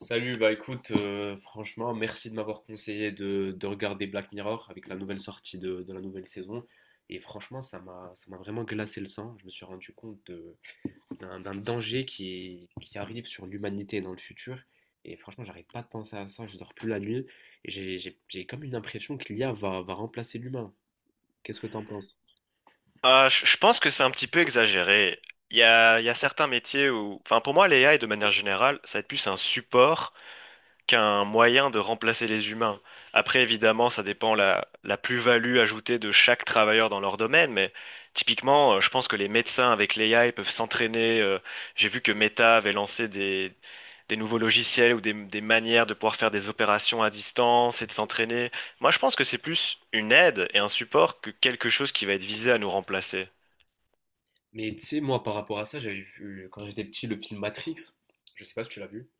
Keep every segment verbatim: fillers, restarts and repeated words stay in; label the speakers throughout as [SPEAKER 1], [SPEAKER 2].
[SPEAKER 1] Salut. Bah écoute, euh, franchement, merci de m'avoir conseillé de, de regarder Black Mirror avec la nouvelle sortie de, de la nouvelle saison. Et franchement, ça m'a, ça m'a vraiment glacé le sang. Je me suis rendu compte de- d'un, d'un danger qui, qui arrive sur l'humanité dans le futur. Et franchement, j'arrête pas de penser à ça, je dors plus la nuit. Et j'ai, j'ai- j'ai comme une impression que l'I a va, va remplacer l'humain. Qu'est-ce que t'en penses?
[SPEAKER 2] Euh, je je pense que c'est un petit peu exagéré. Il y a, il y a certains métiers où, enfin pour moi, l'A I de manière générale, ça va être plus un support qu'un moyen de remplacer les humains. Après, évidemment, ça dépend la, la plus-value ajoutée de chaque travailleur dans leur domaine, mais typiquement, euh, je pense que les médecins avec l'A I peuvent s'entraîner. Euh, j'ai vu que Meta avait lancé des, des nouveaux logiciels ou des, des manières de pouvoir faire des opérations à distance et de s'entraîner. Moi, je pense que c'est plus une aide et un support que quelque chose qui va être visé à nous remplacer.
[SPEAKER 1] Mais tu sais, moi, par rapport à ça, j'avais vu, quand j'étais petit, le film Matrix. Je sais pas si tu l'as vu.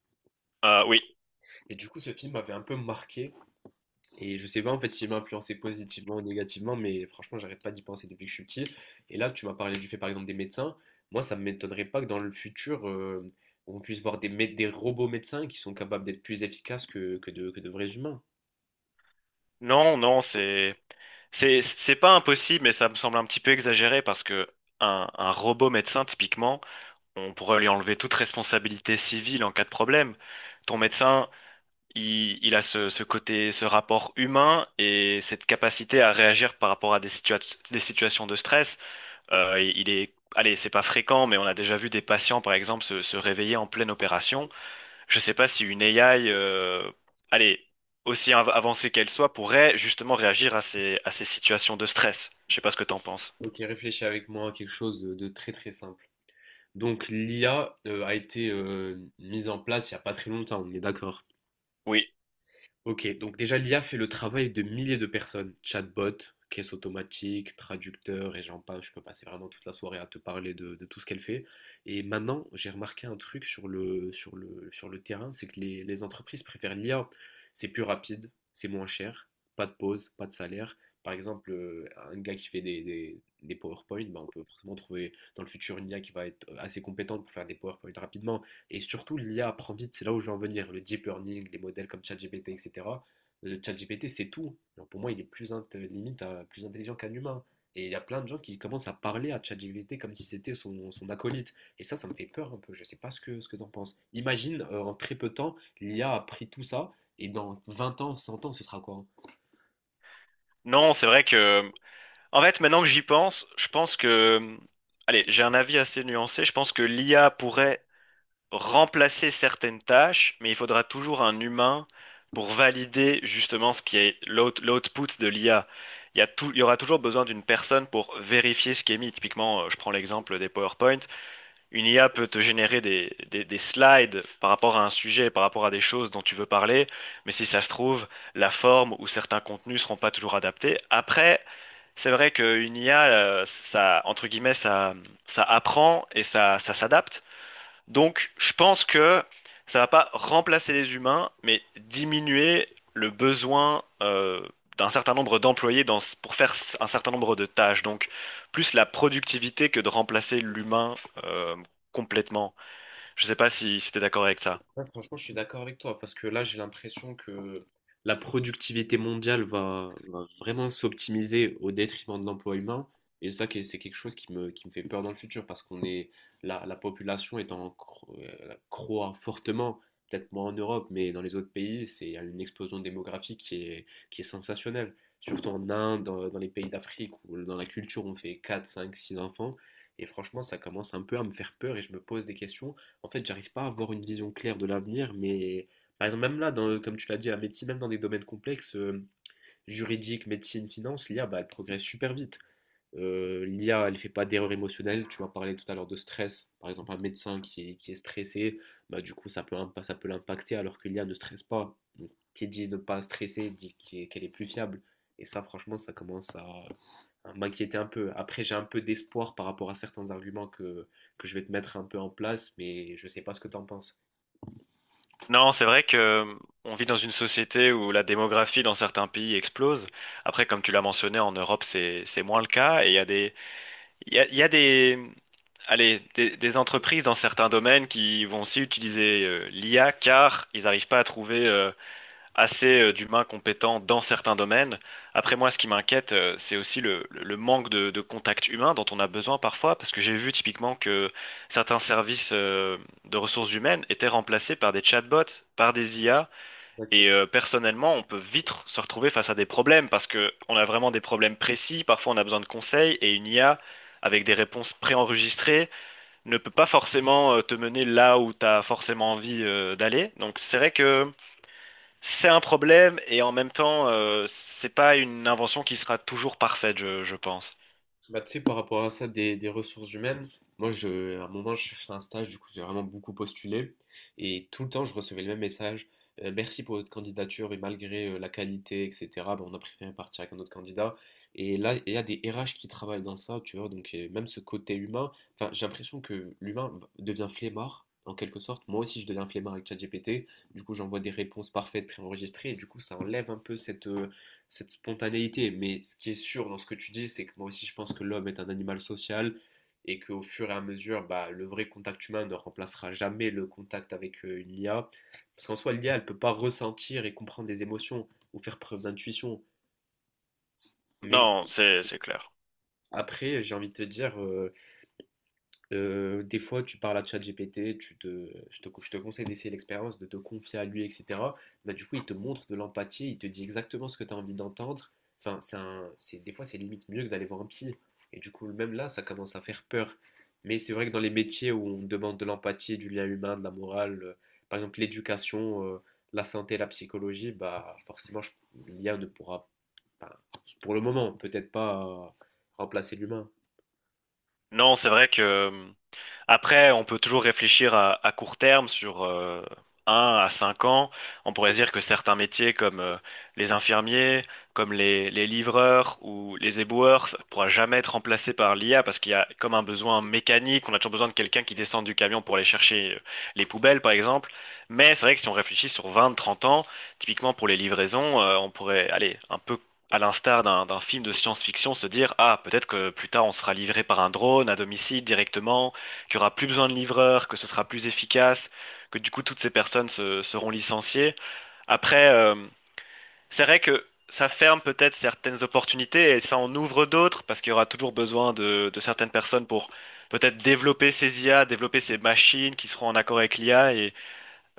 [SPEAKER 2] Euh, oui.
[SPEAKER 1] Et du coup, ce film m'avait un peu marqué. Et je sais pas en fait s'il m'a influencé positivement ou négativement, mais franchement, j'arrête pas d'y penser depuis que je suis petit. Et là, tu m'as parlé du fait par exemple des médecins. Moi, ça m'étonnerait pas que dans le futur, euh, on puisse voir des, mé- des robots médecins qui sont capables d'être plus efficaces que, que de, que de vrais humains.
[SPEAKER 2] Non, non, c'est c'est c'est pas impossible, mais ça me semble un petit peu exagéré parce que un, un robot médecin, typiquement, on pourrait lui enlever toute responsabilité civile en cas de problème. Ton médecin, il, il a ce, ce côté, ce rapport humain et cette capacité à réagir par rapport à des situa- des situations de stress. Euh, il est, allez, c'est pas fréquent, mais on a déjà vu des patients, par exemple, se, se réveiller en pleine opération. Je sais pas si une A I, euh, allez, aussi av- avancée qu'elle soit, pourrait justement réagir à ces, à ces situations de stress. Je sais pas ce que t'en penses.
[SPEAKER 1] Ok, réfléchis avec moi à quelque chose de, de très très simple. Donc, l'i a euh, a été euh, mise en place il n'y a pas très longtemps, on est d'accord.
[SPEAKER 2] Oui.
[SPEAKER 1] Ok, donc déjà l'i a fait le travail de milliers de personnes. Chatbot, caisse automatique, traducteur et j'en passe. Je peux passer vraiment toute la soirée à te parler de, de tout ce qu'elle fait. Et maintenant, j'ai remarqué un truc sur le, sur le, sur le terrain, c'est que les, les entreprises préfèrent l'i a. C'est plus rapide, c'est moins cher, pas de pause, pas de salaire. Par exemple, euh, un gars qui fait des, des, des PowerPoint, bah, on peut forcément trouver dans le futur une i a qui va être assez compétente pour faire des PowerPoint rapidement. Et surtout, l'i a apprend vite, c'est là où je veux en venir. Le deep learning, les modèles comme ChatGPT, et cetera. Le ChatGPT, c'est tout. Alors pour moi, il est plus int- limite euh, plus intelligent qu'un humain. Et il y a plein de gens qui commencent à parler à ChatGPT comme si c'était son, son acolyte. Et ça, ça me fait peur un peu. Je ne sais pas ce que, ce que t'en penses. Imagine, euh, en très peu de temps, l'IA a a pris tout ça. Et dans vingt ans, cent ans, ce sera quoi? Hein?
[SPEAKER 2] Non, c'est vrai que, en fait, maintenant que j'y pense, je pense que, allez, j'ai un avis assez nuancé. Je pense que l'I A pourrait remplacer certaines tâches, mais il faudra toujours un humain pour valider justement ce qui est l'out- l'output de l'I A. Il y a tout- il y aura toujours besoin d'une personne pour vérifier ce qui est mis. Typiquement, euh, je prends l'exemple des PowerPoint. Une I A peut te générer des, des, des slides par rapport à un sujet, par rapport à des choses dont tu veux parler, mais si ça se trouve, la forme ou certains contenus seront pas toujours adaptés. Après, c'est vrai qu'une I A, euh, ça, entre guillemets, ça, ça apprend et ça, ça s'adapte. Donc, je pense que ça va pas remplacer les humains, mais diminuer le besoin euh, d'un certain nombre d'employés dans, pour faire s- un certain nombre de tâches. Donc, plus la productivité que de remplacer l'humain euh, complètement. Je sais pas si, si t'es d'accord avec ça.
[SPEAKER 1] Ouais, franchement, je suis d'accord avec toi parce que là, j'ai l'impression que la productivité mondiale va, va vraiment s'optimiser au détriment de l'emploi humain. Et ça, que- c'est quelque chose qui me, qui me fait peur dans le futur parce qu'on est, la, la population est en, cro- euh, croît fortement, peut-être moins en Europe, mais dans les autres pays, c'est il y a une explosion démographique qui est, qui est sensationnelle. Surtout en Inde, dans, dans les pays d'Afrique où dans la culture, on fait quatre cinq six enfants. Et franchement, ça commence un peu à me faire peur et je me pose des questions. En fait, j'arrive pas à avoir une vision claire de l'avenir, mais par exemple, même là, dans, comme tu l'as dit, la médecine, même dans des domaines complexes, euh, juridique, médecine, finance, l'i a, bah, elle progresse super vite. Euh, L'i a, elle fait pas d'erreur émotionnelle. Tu m'as parlé tout à l'heure de stress. Par exemple, un médecin qui est, qui est stressé, bah, du coup, ça peut, impa- ça peut l'impacter alors que l'i a ne stresse pas. Donc, qui dit ne pas stresser, dit qu'elle est, qu'elle est plus fiable. Et ça, franchement, ça commence à, hein, m'inquiéter un peu. Après, j'ai un peu d'espoir par rapport à certains arguments que, que je vais te mettre un peu en place, mais je ne sais pas ce que tu en penses.
[SPEAKER 2] Non, c'est vrai que euh, on vit dans une société où la démographie dans certains pays explose. Après, comme tu l'as mentionné, en Europe, c'est c'est moins le cas. Et il y a des il y a, il y a des allez des, des entreprises dans certains domaines qui vont aussi utiliser euh, l'I A car ils n'arrivent pas à trouver euh, assez euh, d'humains compétents dans certains domaines. Après moi, ce qui m'inquiète, euh, c'est aussi le, le manque de, de contact humain dont on a besoin parfois, parce que j'ai vu typiquement que certains services euh, de ressources humaines étaient remplacés par des chatbots, par des I A, et
[SPEAKER 1] Exactement.
[SPEAKER 2] euh, personnellement, on peut vite se retrouver face à des problèmes, parce que on a vraiment des problèmes précis, parfois on a besoin de conseils, et une I A avec des réponses préenregistrées, ne peut pas forcément euh, te mener là où tu as forcément envie euh, d'aller. Donc c'est vrai que c'est un problème et en même temps, euh, c'est pas une invention qui sera toujours parfaite, je, je pense.
[SPEAKER 1] Bah, tu sais, par rapport à ça, des, des ressources humaines, moi, je, à un moment, je cherchais un stage, du coup, j'ai vraiment beaucoup postulé. Et tout le temps, je recevais le même message. Euh, merci pour votre candidature et malgré euh, la qualité, et cetera, bah, on a préféré partir avec un autre candidat. Et là, il y a des R H qui travaillent dans ça, tu vois, donc euh, même ce côté humain, enfin, j'ai l'impression que l'humain devient flemmard, en quelque sorte. Moi aussi, je deviens flemmard avec ChatGPT. Du coup, j'envoie des réponses parfaites préenregistrées et du coup, ça enlève un peu cette, euh, cette spontanéité. Mais ce qui est sûr dans ce que tu dis, c'est que moi aussi, je pense que l'homme est un animal social et qu'au fur et à mesure, bah, le vrai contact humain ne remplacera jamais le contact avec euh, une i a. Parce qu'en soi, l'i a, elle ne peut pas ressentir et comprendre les émotions ou faire preuve d'intuition. Mais
[SPEAKER 2] Non, c'est c'est clair.
[SPEAKER 1] après, j'ai envie de te dire, euh, Heu, des fois, tu parles à ChatGPT, tu te je te je te conseille d'essayer l'expérience, de te confier à lui et cetera. Bah, du coup, il te montre de l'empathie, il te dit exactement ce que tu as envie d'entendre. Enfin, c'est un c'est des fois, c'est limite mieux que d'aller voir un psy et du coup, même là, ça commence à faire peur. Mais c'est vrai que dans les métiers où on demande de l'empathie, du lien humain, de la morale, heu, par exemple l'éducation, heu, la santé, la psychologie, bah, forcément, je l'i a ne pourra, enfin, pour le moment, peut-être pas euh, remplacer l'humain.
[SPEAKER 2] Non, c'est vrai que. Après, on peut toujours réfléchir à, à court terme sur euh, un à cinq ans. On pourrait se dire que certains métiers comme euh, les infirmiers, comme les, les livreurs ou les éboueurs, ça ne pourra jamais être remplacé par l'I A parce qu'il y a comme un besoin mécanique. On a toujours besoin de quelqu'un qui descende du camion pour aller chercher euh, les poubelles, par exemple. Mais c'est vrai que si on réfléchit sur vingt, trente ans, typiquement pour les livraisons, euh, on pourrait aller un peu à l'instar d'un d'un film de science-fiction, se dire, ah, peut-être que plus tard on sera livré par un drone à domicile directement, qu'il y aura plus besoin de livreurs, que ce sera plus efficace, que du coup toutes ces personnes se- seront licenciées. Après, euh, c'est vrai que ça ferme peut-être certaines opportunités et ça en ouvre d'autres parce qu'il y aura toujours besoin de, de certaines personnes pour peut-être développer ces I A, développer ces machines qui seront en accord avec l'I A et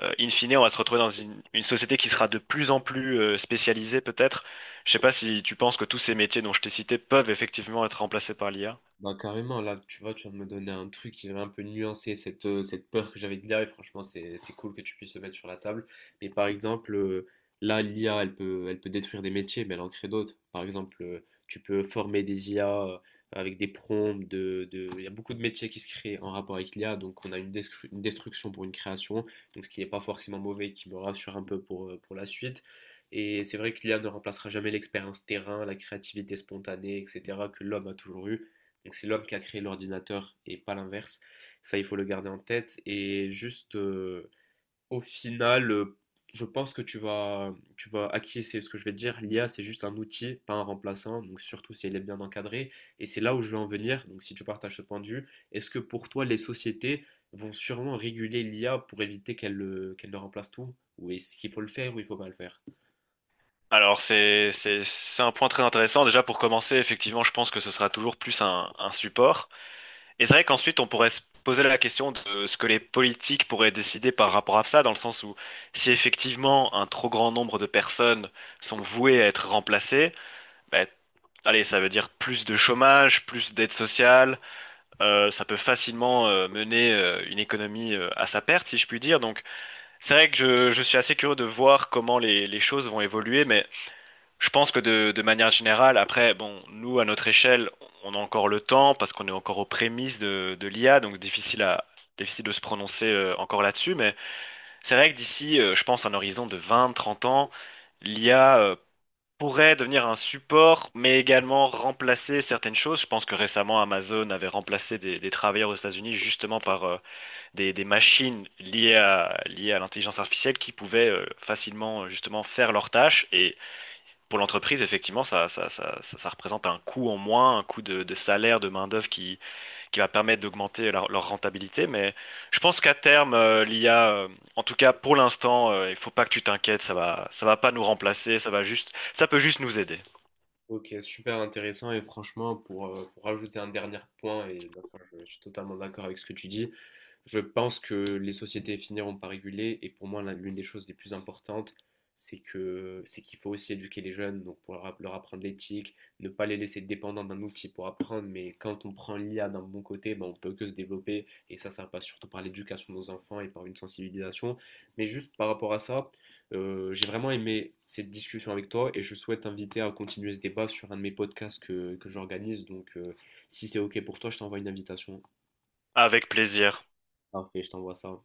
[SPEAKER 2] euh, in fine on va se retrouver dans une, une société qui sera de plus en plus euh, spécialisée peut-être. Je sais pas si tu penses que tous ces métiers dont je t'ai cités peuvent effectivement être remplacés par l'I A.
[SPEAKER 1] Bah carrément, là tu vois, tu viens de me donner un truc qui va un peu nuancer cette, euh, cette peur que j'avais de l'i a et franchement c'est c'est cool que tu puisses le mettre sur la table. Mais par exemple, euh, là l'i a elle peut, elle peut détruire des métiers mais elle en crée d'autres. Par exemple, euh, tu peux former des i a euh, avec des prompts, de, de... il y a beaucoup de métiers qui se créent en rapport avec l'i a donc on a une, destru- une destruction pour une création, donc ce qui n'est pas forcément mauvais, qui me rassure un peu pour, euh, pour la suite. Et c'est vrai que l'i a ne remplacera jamais l'expérience terrain, la créativité spontanée, et cetera que l'homme a toujours eu. Donc c'est l'homme qui a créé l'ordinateur et pas l'inverse. Ça, il faut le garder en tête. Et juste, euh, au final, euh, je pense que tu vas, tu vas acquiescer à ce que je vais te dire. L'i a, c'est juste un outil, pas un remplaçant. Donc surtout si elle est bien encadrée. Et c'est là où je veux en venir. Donc si tu partages ce point de vue, est-ce que pour toi, les sociétés vont sûrement réguler l'i a pour éviter qu'elle euh, qu'elle ne remplace tout? Ou est-ce qu'il faut le faire ou il faut pas le faire?
[SPEAKER 2] Alors c'est c'est c'est un point très intéressant. Déjà pour commencer, effectivement, je pense que ce sera toujours plus un, un support. Et c'est vrai qu'ensuite on pourrait se poser la question de ce que les politiques pourraient décider par rapport à ça, dans le sens où si effectivement un trop grand nombre de personnes sont vouées à être remplacées, bah, allez, ça veut dire plus de chômage, plus d'aide sociale. euh, ça peut facilement euh, mener euh, une économie euh, à sa perte, si je puis dire. Donc, c'est vrai que je, je suis assez curieux de voir comment les, les choses vont évoluer, mais je pense que de, de manière générale, après, bon, nous, à notre échelle, on a encore le temps parce qu'on est encore aux prémices de, de l'I A, donc difficile à, difficile de se prononcer euh, encore là-dessus, mais c'est vrai que d'ici, euh, je pense, un horizon de vingt, trente ans, l'I A pourrait devenir un support, mais également remplacer certaines choses. Je pense que récemment, Amazon avait remplacé des, des travailleurs aux États-Unis justement par euh, des, des machines liées à, liées à l'intelligence artificielle qui pouvaient euh, facilement euh, justement faire leurs tâches. Et pour l'entreprise, effectivement, ça, ça, ça, ça, ça représente un coût en moins, un coût de, de salaire, de main-d'œuvre qui, qui va permettre d'augmenter leur, leur rentabilité. Mais je pense qu'à terme, euh, l'I A, euh, en tout cas pour l'instant, euh, il faut pas que tu t'inquiètes, ça va, ça va pas nous remplacer, ça va juste, ça peut juste nous aider.
[SPEAKER 1] Ok, super intéressant et franchement, pour, euh, pour rajouter un dernier point, et bien sûr, je, je suis totalement d'accord avec ce que tu dis. Je pense que les sociétés finiront par réguler et pour moi l'un- l'une des choses les plus importantes, c'est que c'est qu'il faut aussi éduquer les jeunes, donc pour leur, app- leur apprendre l'éthique, ne pas les laisser dépendants d'un outil pour apprendre, mais quand on prend l'i a d'un bon côté, ben, on peut que se développer et ça, ça passe surtout par l'éducation de nos enfants et par une sensibilisation. Mais juste par rapport à ça, euh, j'ai vraiment aimé cette discussion avec toi et je souhaite t'inviter à continuer ce débat sur un de mes podcasts que, que j'organise, donc euh, si c'est ok pour toi, je t'envoie une invitation.
[SPEAKER 2] Avec plaisir.
[SPEAKER 1] Parfait, je t'envoie ça.